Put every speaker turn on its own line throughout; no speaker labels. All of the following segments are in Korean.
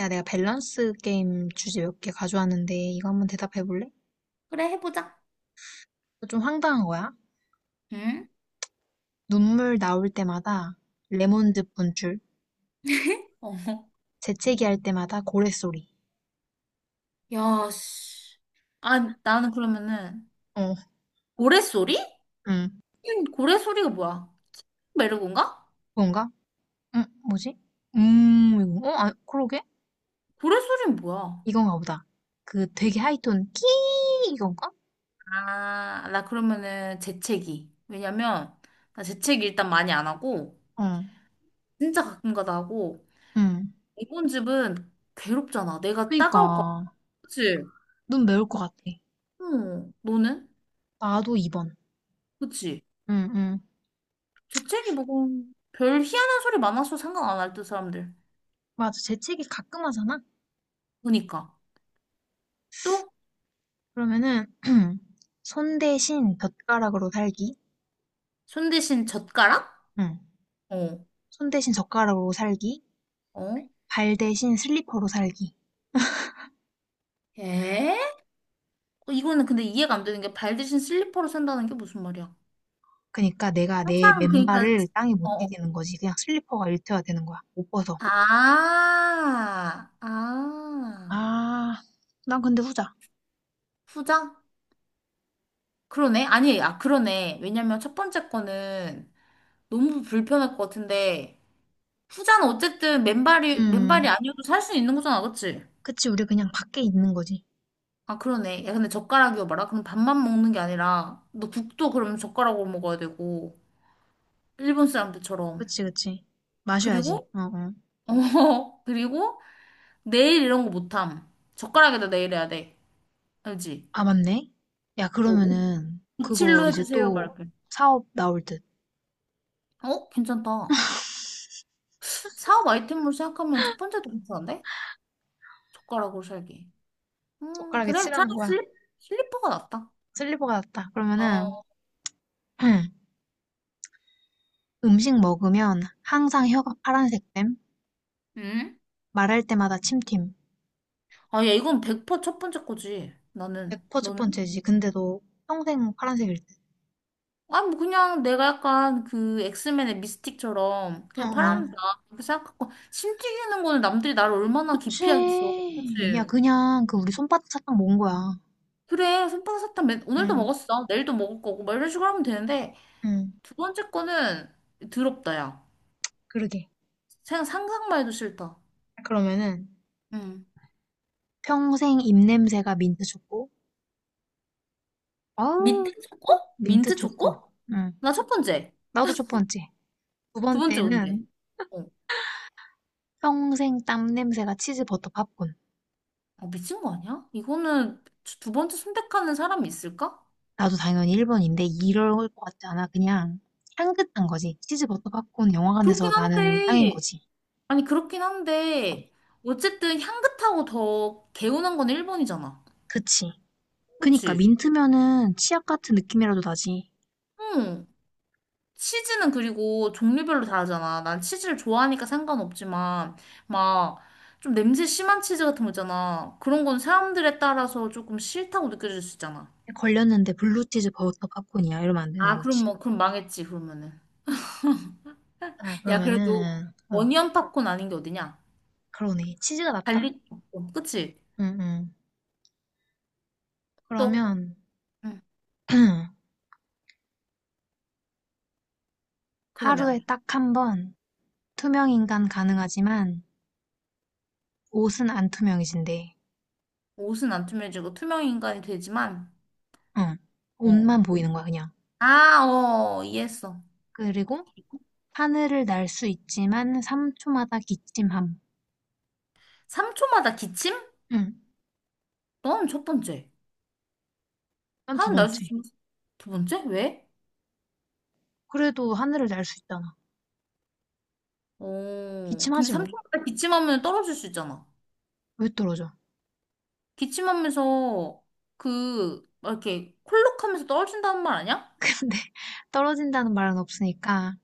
야, 내가 밸런스 게임 주제 몇 개 가져왔는데 이거 한번 대답해 볼래?
그래, 해보자.
좀 황당한 거야.
응?
눈물 나올 때마다 레몬즙 분출,
어.
재채기 할 때마다 고래 소리.
야, 씨. 아, 나는 그러면은,
어,
고래소리?
응,
응, 고래소리가 뭐야? 메르곤가?
그건가? 응, 뭐지? 그러게?
고래소리는 뭐야?
이건가 보다. 그 되게 하이톤 끼 이건가?
아, 나 그러면은 재채기. 왜냐면, 나 재채기 일단 많이 안 하고,
어,
진짜 가끔가다 하고,
응.
이번 집은 괴롭잖아. 내가 따가울 거야.
그니까
그치?
눈 매울 것 같아.
응, 너는?
나도 2번.
그치?
응, 응.
재채기 뭐, 별 희한한 소리 많아서 생각 안 할 듯, 사람들.
맞아, 재채기 가끔 하잖아?
보니까. 또?
그러면은 손 대신 젓가락으로 살기.
손 대신 젓가락?
응.
어,
손 대신 젓가락으로 살기,
어?
발 대신 슬리퍼로 살기.
에? 어, 이거는 근데 이해가 안 되는 게 발 대신 슬리퍼로 산다는 게 무슨 말이야?
그러니까 내가 내
항상 그러니까
맨발을 땅에 못
어, 어.
디디는 거지. 그냥 슬리퍼가 일체화 되는 거야. 못 벗어.
아, 아,
아, 난 근데 후자.
후자? 그러네. 아니, 아, 그러네. 왜냐면 첫 번째 거는 너무 불편할 것 같은데, 후자는 어쨌든 맨발이, 맨발이
음,
아니어도 살 수 있는 거잖아, 그치?
그치. 우리 그냥 밖에 있는 거지.
아, 그러네. 야, 근데 젓가락이어 봐라. 그럼 밥만 먹는 게 아니라, 너 국도 그러면 젓가락으로 먹어야 되고, 일본 사람들처럼.
그치, 그치. 마셔야지.
그리고
어, 어.
어, 그리고 내일 이런 거 못함. 젓가락에다 내일 해야 돼. 알지?
아, 맞네. 야,
뭐,
그러면은
칠
그거
로
이제
해주세요,
또
말게.
사업 나올 듯.
어, 괜찮다. 사업 아이템으로 생각하면 첫 번째도 괜찮은데? 젓가락으로 살기.
젓가락에
그래. 차라리
칠하는 거야.
슬리, 슬리퍼가 낫다.
슬리퍼가 낫다. 그러면은
어,
음식 먹으면 항상 혀가 파란색 됨.
응?
말할 때마다 침팀.
아, 야, 이건 100% 첫 번째 거지. 나는.
100% 첫
너는?
번째지. 근데 너 평생 파란색일 듯.
아, 뭐, 그냥 내가 약간 그 엑스맨의 미스틱처럼
어,
그냥
어.
파란다. 그렇게 생각하고, 심 튀기는 거는 남들이 나를 얼마나
그치.
기피하겠어.
야,
그치?
그냥 그 우리 손바닥 사탕 먹은 거야.
그래, 솜방사탕 맨, 오늘도
응,
먹었어. 내일도 먹을 거고. 막 이런 식으로 하면 되는데,
응.
두 번째 거는 더럽다, 야.
그러게.
생각, 상상만 해도 싫다.
그러면은,
응.
평생 입냄새가 민트 초코. 아우,
민트 초코?
민트
민트
초코.
초코?
응.
나 첫 번째.
나도 첫 번째. 두
두 번째 뭔데?
번째는
어.
평생 땀 냄새가 치즈 버터 팝콘.
아, 미친 거 아니야? 이거는 두 번째 선택하는 사람이 있을까?
나도 당연히 일 번인데 이럴 것 같지 않아. 그냥 향긋한 거지. 치즈 버터 팝콘 영화관에서
그렇긴
나는 향인
한데,
거지.
아니, 그렇긴 한데, 어쨌든 향긋하고 더 개운한 건 일 번이잖아.
그치. 그니까
그치?
민트면은 치약 같은 느낌이라도 나지.
응. 치즈는 그리고 종류별로 다르잖아. 난 치즈를 좋아하니까 상관없지만, 막, 좀 냄새 심한 치즈 같은 거 있잖아. 그런 건 사람들에 따라서 조금 싫다고 느껴질 수 있잖아.
걸렸는데 블루치즈 버터 팝콘이야. 이러면 안 되는
아, 그럼
거지.
뭐, 그럼 망했지, 그러면은.
아,
야, 그래도,
그러면은, 어,
어니언 팝콘 아닌 게 어디냐?
그러네. 치즈가 낫다.
갈릭 팝콘, 그치?
응, 응.
또,
그러면
응,
하루에
그러면.
딱 한번 투명인간 가능하지만 옷은 안 투명해진대.
옷은 안 투명해지고 투명 인간이 되지만,
응.
어.
옷만 보이는 거야, 그냥.
아, 어, 이해했어.
그리고 하늘을 날 수 있지만 3초마다 기침함.
3초마다 기침?
응.
넌 첫 번째.
난 두
하는 날씨
번째.
지면두 번째? 왜?
그래도 하늘을 날 수 있잖아.
어, 근데
기침하지 뭐.
삼촌보다 기침하면 떨어질 수 있잖아.
왜 떨어져?
기침하면서 그, 막 이렇게 콜록하면서 떨어진다는 말 아니야?
근데 떨어진다는 말은 없으니까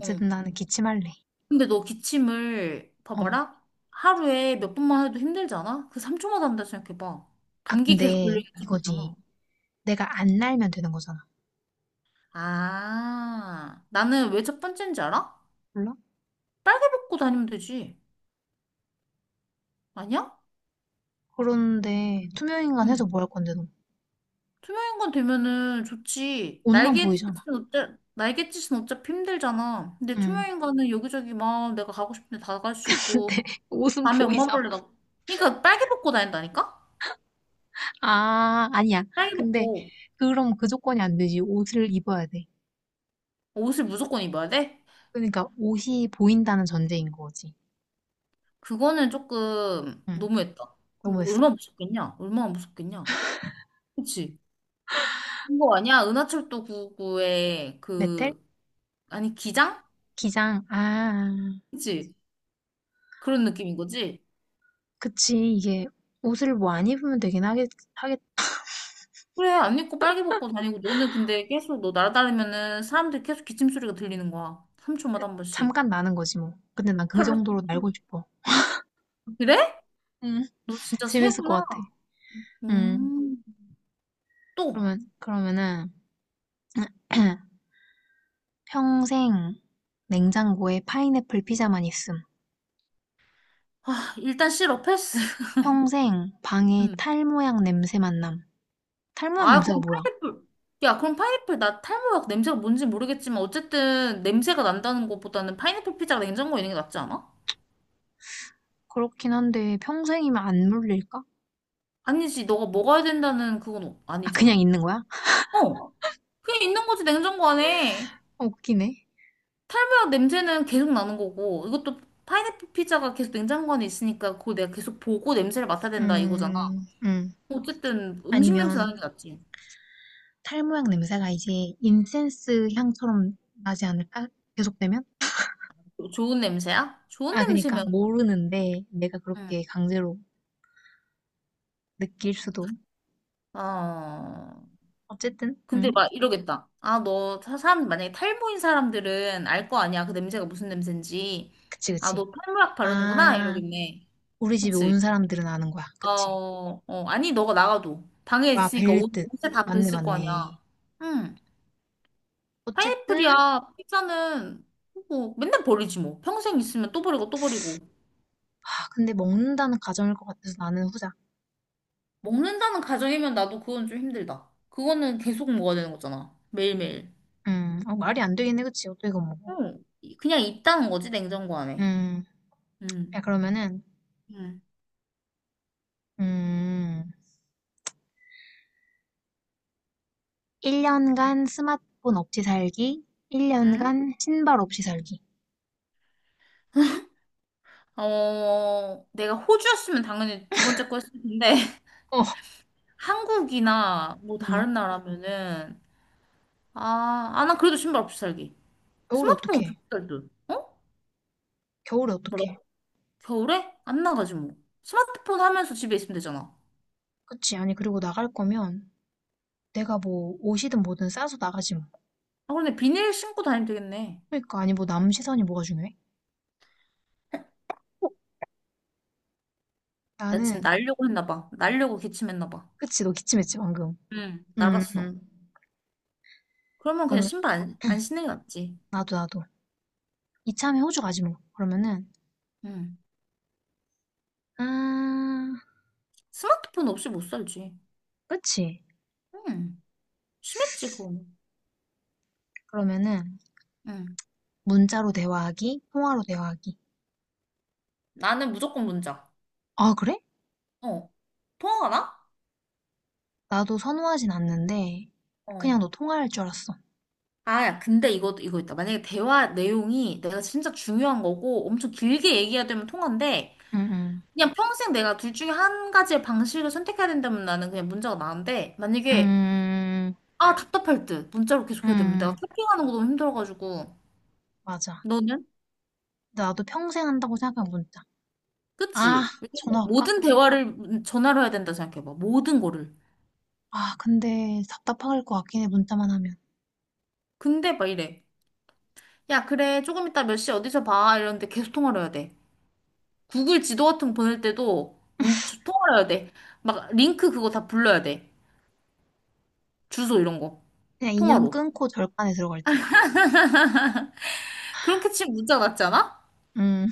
응.
나는 기침할래.
근데 너 기침을,
어.
봐봐라. 하루에 몇 번만 해도 힘들잖아? 그 3초마다 한다 생각해봐.
아
감기 계속
근데
걸리는
이거지.
상태잖아.
내가 안 날면 되는 거잖아.
아, 나는 왜 첫 번째인지 알아?
몰라?
빨개 벗고 다니면 되지. 아니야?
그런데 투명인간
응.
해서 뭐 할 건데 너?
투명인간 되면은 좋지.
옷만 보이잖아.
날갯짓은 어째, 날갯짓은 어차피 힘들잖아. 근데
응.
투명인간은 여기저기 막 내가 가고 싶은데 다 갈 수
근데
있고,
옷은
밤에 엄마
보이잖아.
몰래 나, 그러니까 빨개 벗고 다닌다니까?
아, 아니야.
빨개
근데
벗고
그럼 그 조건이 안 되지. 옷을 입어야 돼.
옷을 무조건 입어야 돼?
그러니까 옷이 보인다는 전제인 거지.
그거는 조금
응.
너무했다. 그럼
너무했어?
얼마나 무섭겠냐? 얼마나 무섭겠냐? 그치? 그거 아니야? 은하철도 구9 9의
메텔?
그, 아니, 기장?
기장. 아,
그치? 그런 느낌인 거지?
그치. 이게 옷을 뭐 안 입으면 되긴 하겠,
그래, 안 입고 빨개 벗고 다니고, 너는 근데 계속 너 날아다니면은 사람들이 계속 기침 소리가 들리는 거야. 3초마다 한 번씩.
잠깐 나는 거지 뭐. 근데 난 그
펄럭,
정도로
펄럭.
날고 싶어.
그래?
음,
너 진짜
재밌을 것
새구나.
같아. 음,
음, 또.
그러면은, 평생 냉장고에 파인애플 피자만 있음.
아, 일단 싫어, 패스.
평생 방에
음.
탈 모양 냄새만 남. 탈 모양
아,
냄새가
그럼
뭐야?
파인애플. 야, 그럼 파인애플 나 탈모약 냄새가 뭔지 모르겠지만, 어쨌든 냄새가 난다는 것보다는 파인애플 피자가 냉장고에 있는 게 낫지 않아?
그렇긴 한데, 평생이면 안 물릴까?
아니지, 너가 먹어야 된다는 그건
아, 그냥
아니잖아.
있는 거야?
어, 그냥 있는 거지, 냉장고 안에.
웃기네.
탈모약 냄새는 계속 나는 거고, 이것도 파인애플 피자가 계속 냉장고 안에 있으니까 그걸 내가 계속 보고 냄새를 맡아야 된다 이거잖아.
음, 음.
어쨌든 음식 냄새
아니면
나는 게 낫지.
탈 모양 냄새가 이제 인센스 향처럼 나지 않을까? 계속되면?
좋은 냄새야? 좋은 냄새면,
모르는데, 내가
응.
그렇게 강제로 느낄 수도.
어,
어쨌든,
근데
응?
막 이러겠다. 아, 너, 사람, 만약에 탈모인 사람들은 알 거 아니야. 그 냄새가 무슨 냄새인지.
그치,
아,
그치.
너 탈모약 바르는구나?
아,
이러겠네.
우리 집에
그치?
온 사람들은 아는 거야.
어,
그치.
어, 아니, 너가 나가도. 방에
와,
있으니까
벨리뜻.
옷에 다
맞네,
뱄을 거
맞네.
아니야. 응.
어쨌든,
파인애플이야. 피자는 뭐 맨날 버리지 뭐. 평생 있으면 또 버리고 또 버리고.
아, 근데 먹는다는 가정일 것 같아서 나는 후자.
먹는다는 가정이면 나도 그건 좀 힘들다. 그거는 계속 먹어야 되는 거잖아. 매일매일.
어, 말이 안 되겠네, 그치? 어떻게 이거 먹어?
응. 그냥 있다는 거지, 냉장고 안에.
음, 야,
응.
그러면은,
응.
음, 1년간 스마트폰 없이 살기,
응?
1년간 신발 없이 살기.
어, 내가 호주였으면 당연히 두 번째 거 했을 텐데,
어,
한국이나 뭐
음,
다른 나라면은, 아, 아, 나 그래도 신발 없이 살기.
겨울에
스마트폰 없이
어떡해?
살기. 어?
겨울에
뭐라?
어떡해?
겨울에? 안 나가지 뭐. 스마트폰 하면서 집에 있으면 되잖아.
그치. 아니, 그리고 나갈 거면 내가 뭐 옷이든 뭐든 싸서 나가지 뭐.
아, 근데 비닐 신고 다니면 되겠네.
그러니까, 아니, 뭐 남 시선이 뭐가 중요해?
나
나는,
지금 날려고 했나 봐. 날려고 기침했나 봐.
그치, 너 기침했지, 방금.
응,
음,
날았어.
음.
그러면 그냥
그러면,
신발 안 신는 게 낫지.
나도, 나도. 이참에 호주 가지 뭐. 그러면은,
응.
아,
스마트폰 없이 못 살지.
그치.
응. 심했지, 그거는.
그러면은,
응.
문자로 대화하기, 통화로 대화하기.
나는 무조건 문자.
아, 그래?
어. 통화가 나?
나도 선호하진 않는데, 그냥
어.
너 통화할 줄 알았어.
아, 야, 근데 이거 있다. 만약에 대화 내용이 내가 진짜 중요한 거고 엄청 길게 얘기해야 되면 통화인데
음, 음.
그냥 평생 내가 둘 중에 한 가지의 방식을 선택해야 된다면 나는 그냥 문자가 나은데 만약에
음,
아, 답답할 듯. 문자로 계속 해야 되는데. 내가
음.
채팅하는 거 너무 힘들어가지고.
맞아.
너는?
근데 나도 평생 한다고 생각한 문자. 아,
그치? 왜냐면
전화할까?
모든 대화를 전화로 해야 된다 생각해봐. 모든 거를.
아, 근데 답답할 것 같긴 해, 문자만 하면.
근데 막 이래. 야, 그래. 조금 이따 몇 시에 어디서 봐. 이러는데 계속 통화를 해야 돼. 구글 지도 같은 거 보낼 때도 통화를 해야 돼. 막 링크 그거 다 불러야 돼. 주소 이런 거.
그냥 인연
통화로.
끊고 절간에 들어갈 듯.
그렇게 치면 문자가 낫지 않아?
음,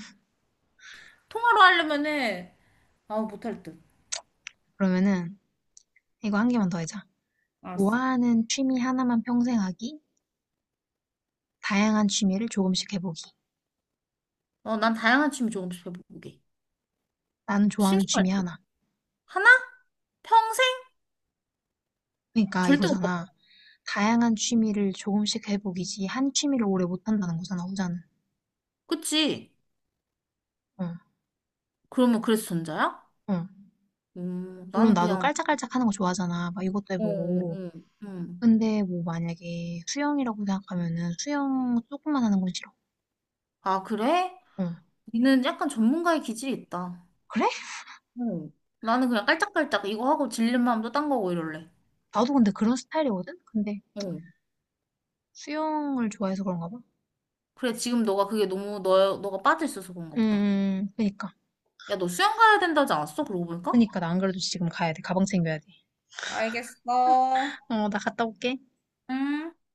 통화로 하려면은, 아, 못할 듯.
그러면은 이거 한 개만 더 해자.
알았어.
좋아하는 취미 하나만 평생 하기, 다양한 취미를 조금씩 해보기.
어, 난 다양한 취미 조금씩 해보게.
나는 좋아하는
심심할
취미
듯.
하나.
하나? 평생?
그러니까
절대 못.
이거잖아. 다양한 취미를 조금씩 해보기지 한 취미를 오래 못 한다는 거잖아, 후자는.
그치?
응,
그러면 그래서 전자야?
응. 물론
나는
나도
그냥,
깔짝깔짝 하는 거 좋아하잖아. 막 이것도
어,
해보고.
어, 음.
근데 뭐 만약에 수영이라고 생각하면은 수영 조금만 하는 건 싫어.
아, 그래?
응.
니는 약간 전문가의 기질이 있다. 어. 나는 그냥 깔짝깔짝 이거 하고 질린 마음도 딴 거고 이럴래.
나도 근데 그런 스타일이거든? 근데
어.
수영을 좋아해서 그런가 봐.
그래, 지금 너가 그게 너무, 너, 너가 빠져있어서 그런가 보다.
그니까.
야, 너 수영 가야 된다지 않았어? 그러고 보니까?
그니까 나 안 그래도 지금 가야 돼. 가방 챙겨야 돼.
알겠어.
어, 나 갔다 올게.
응.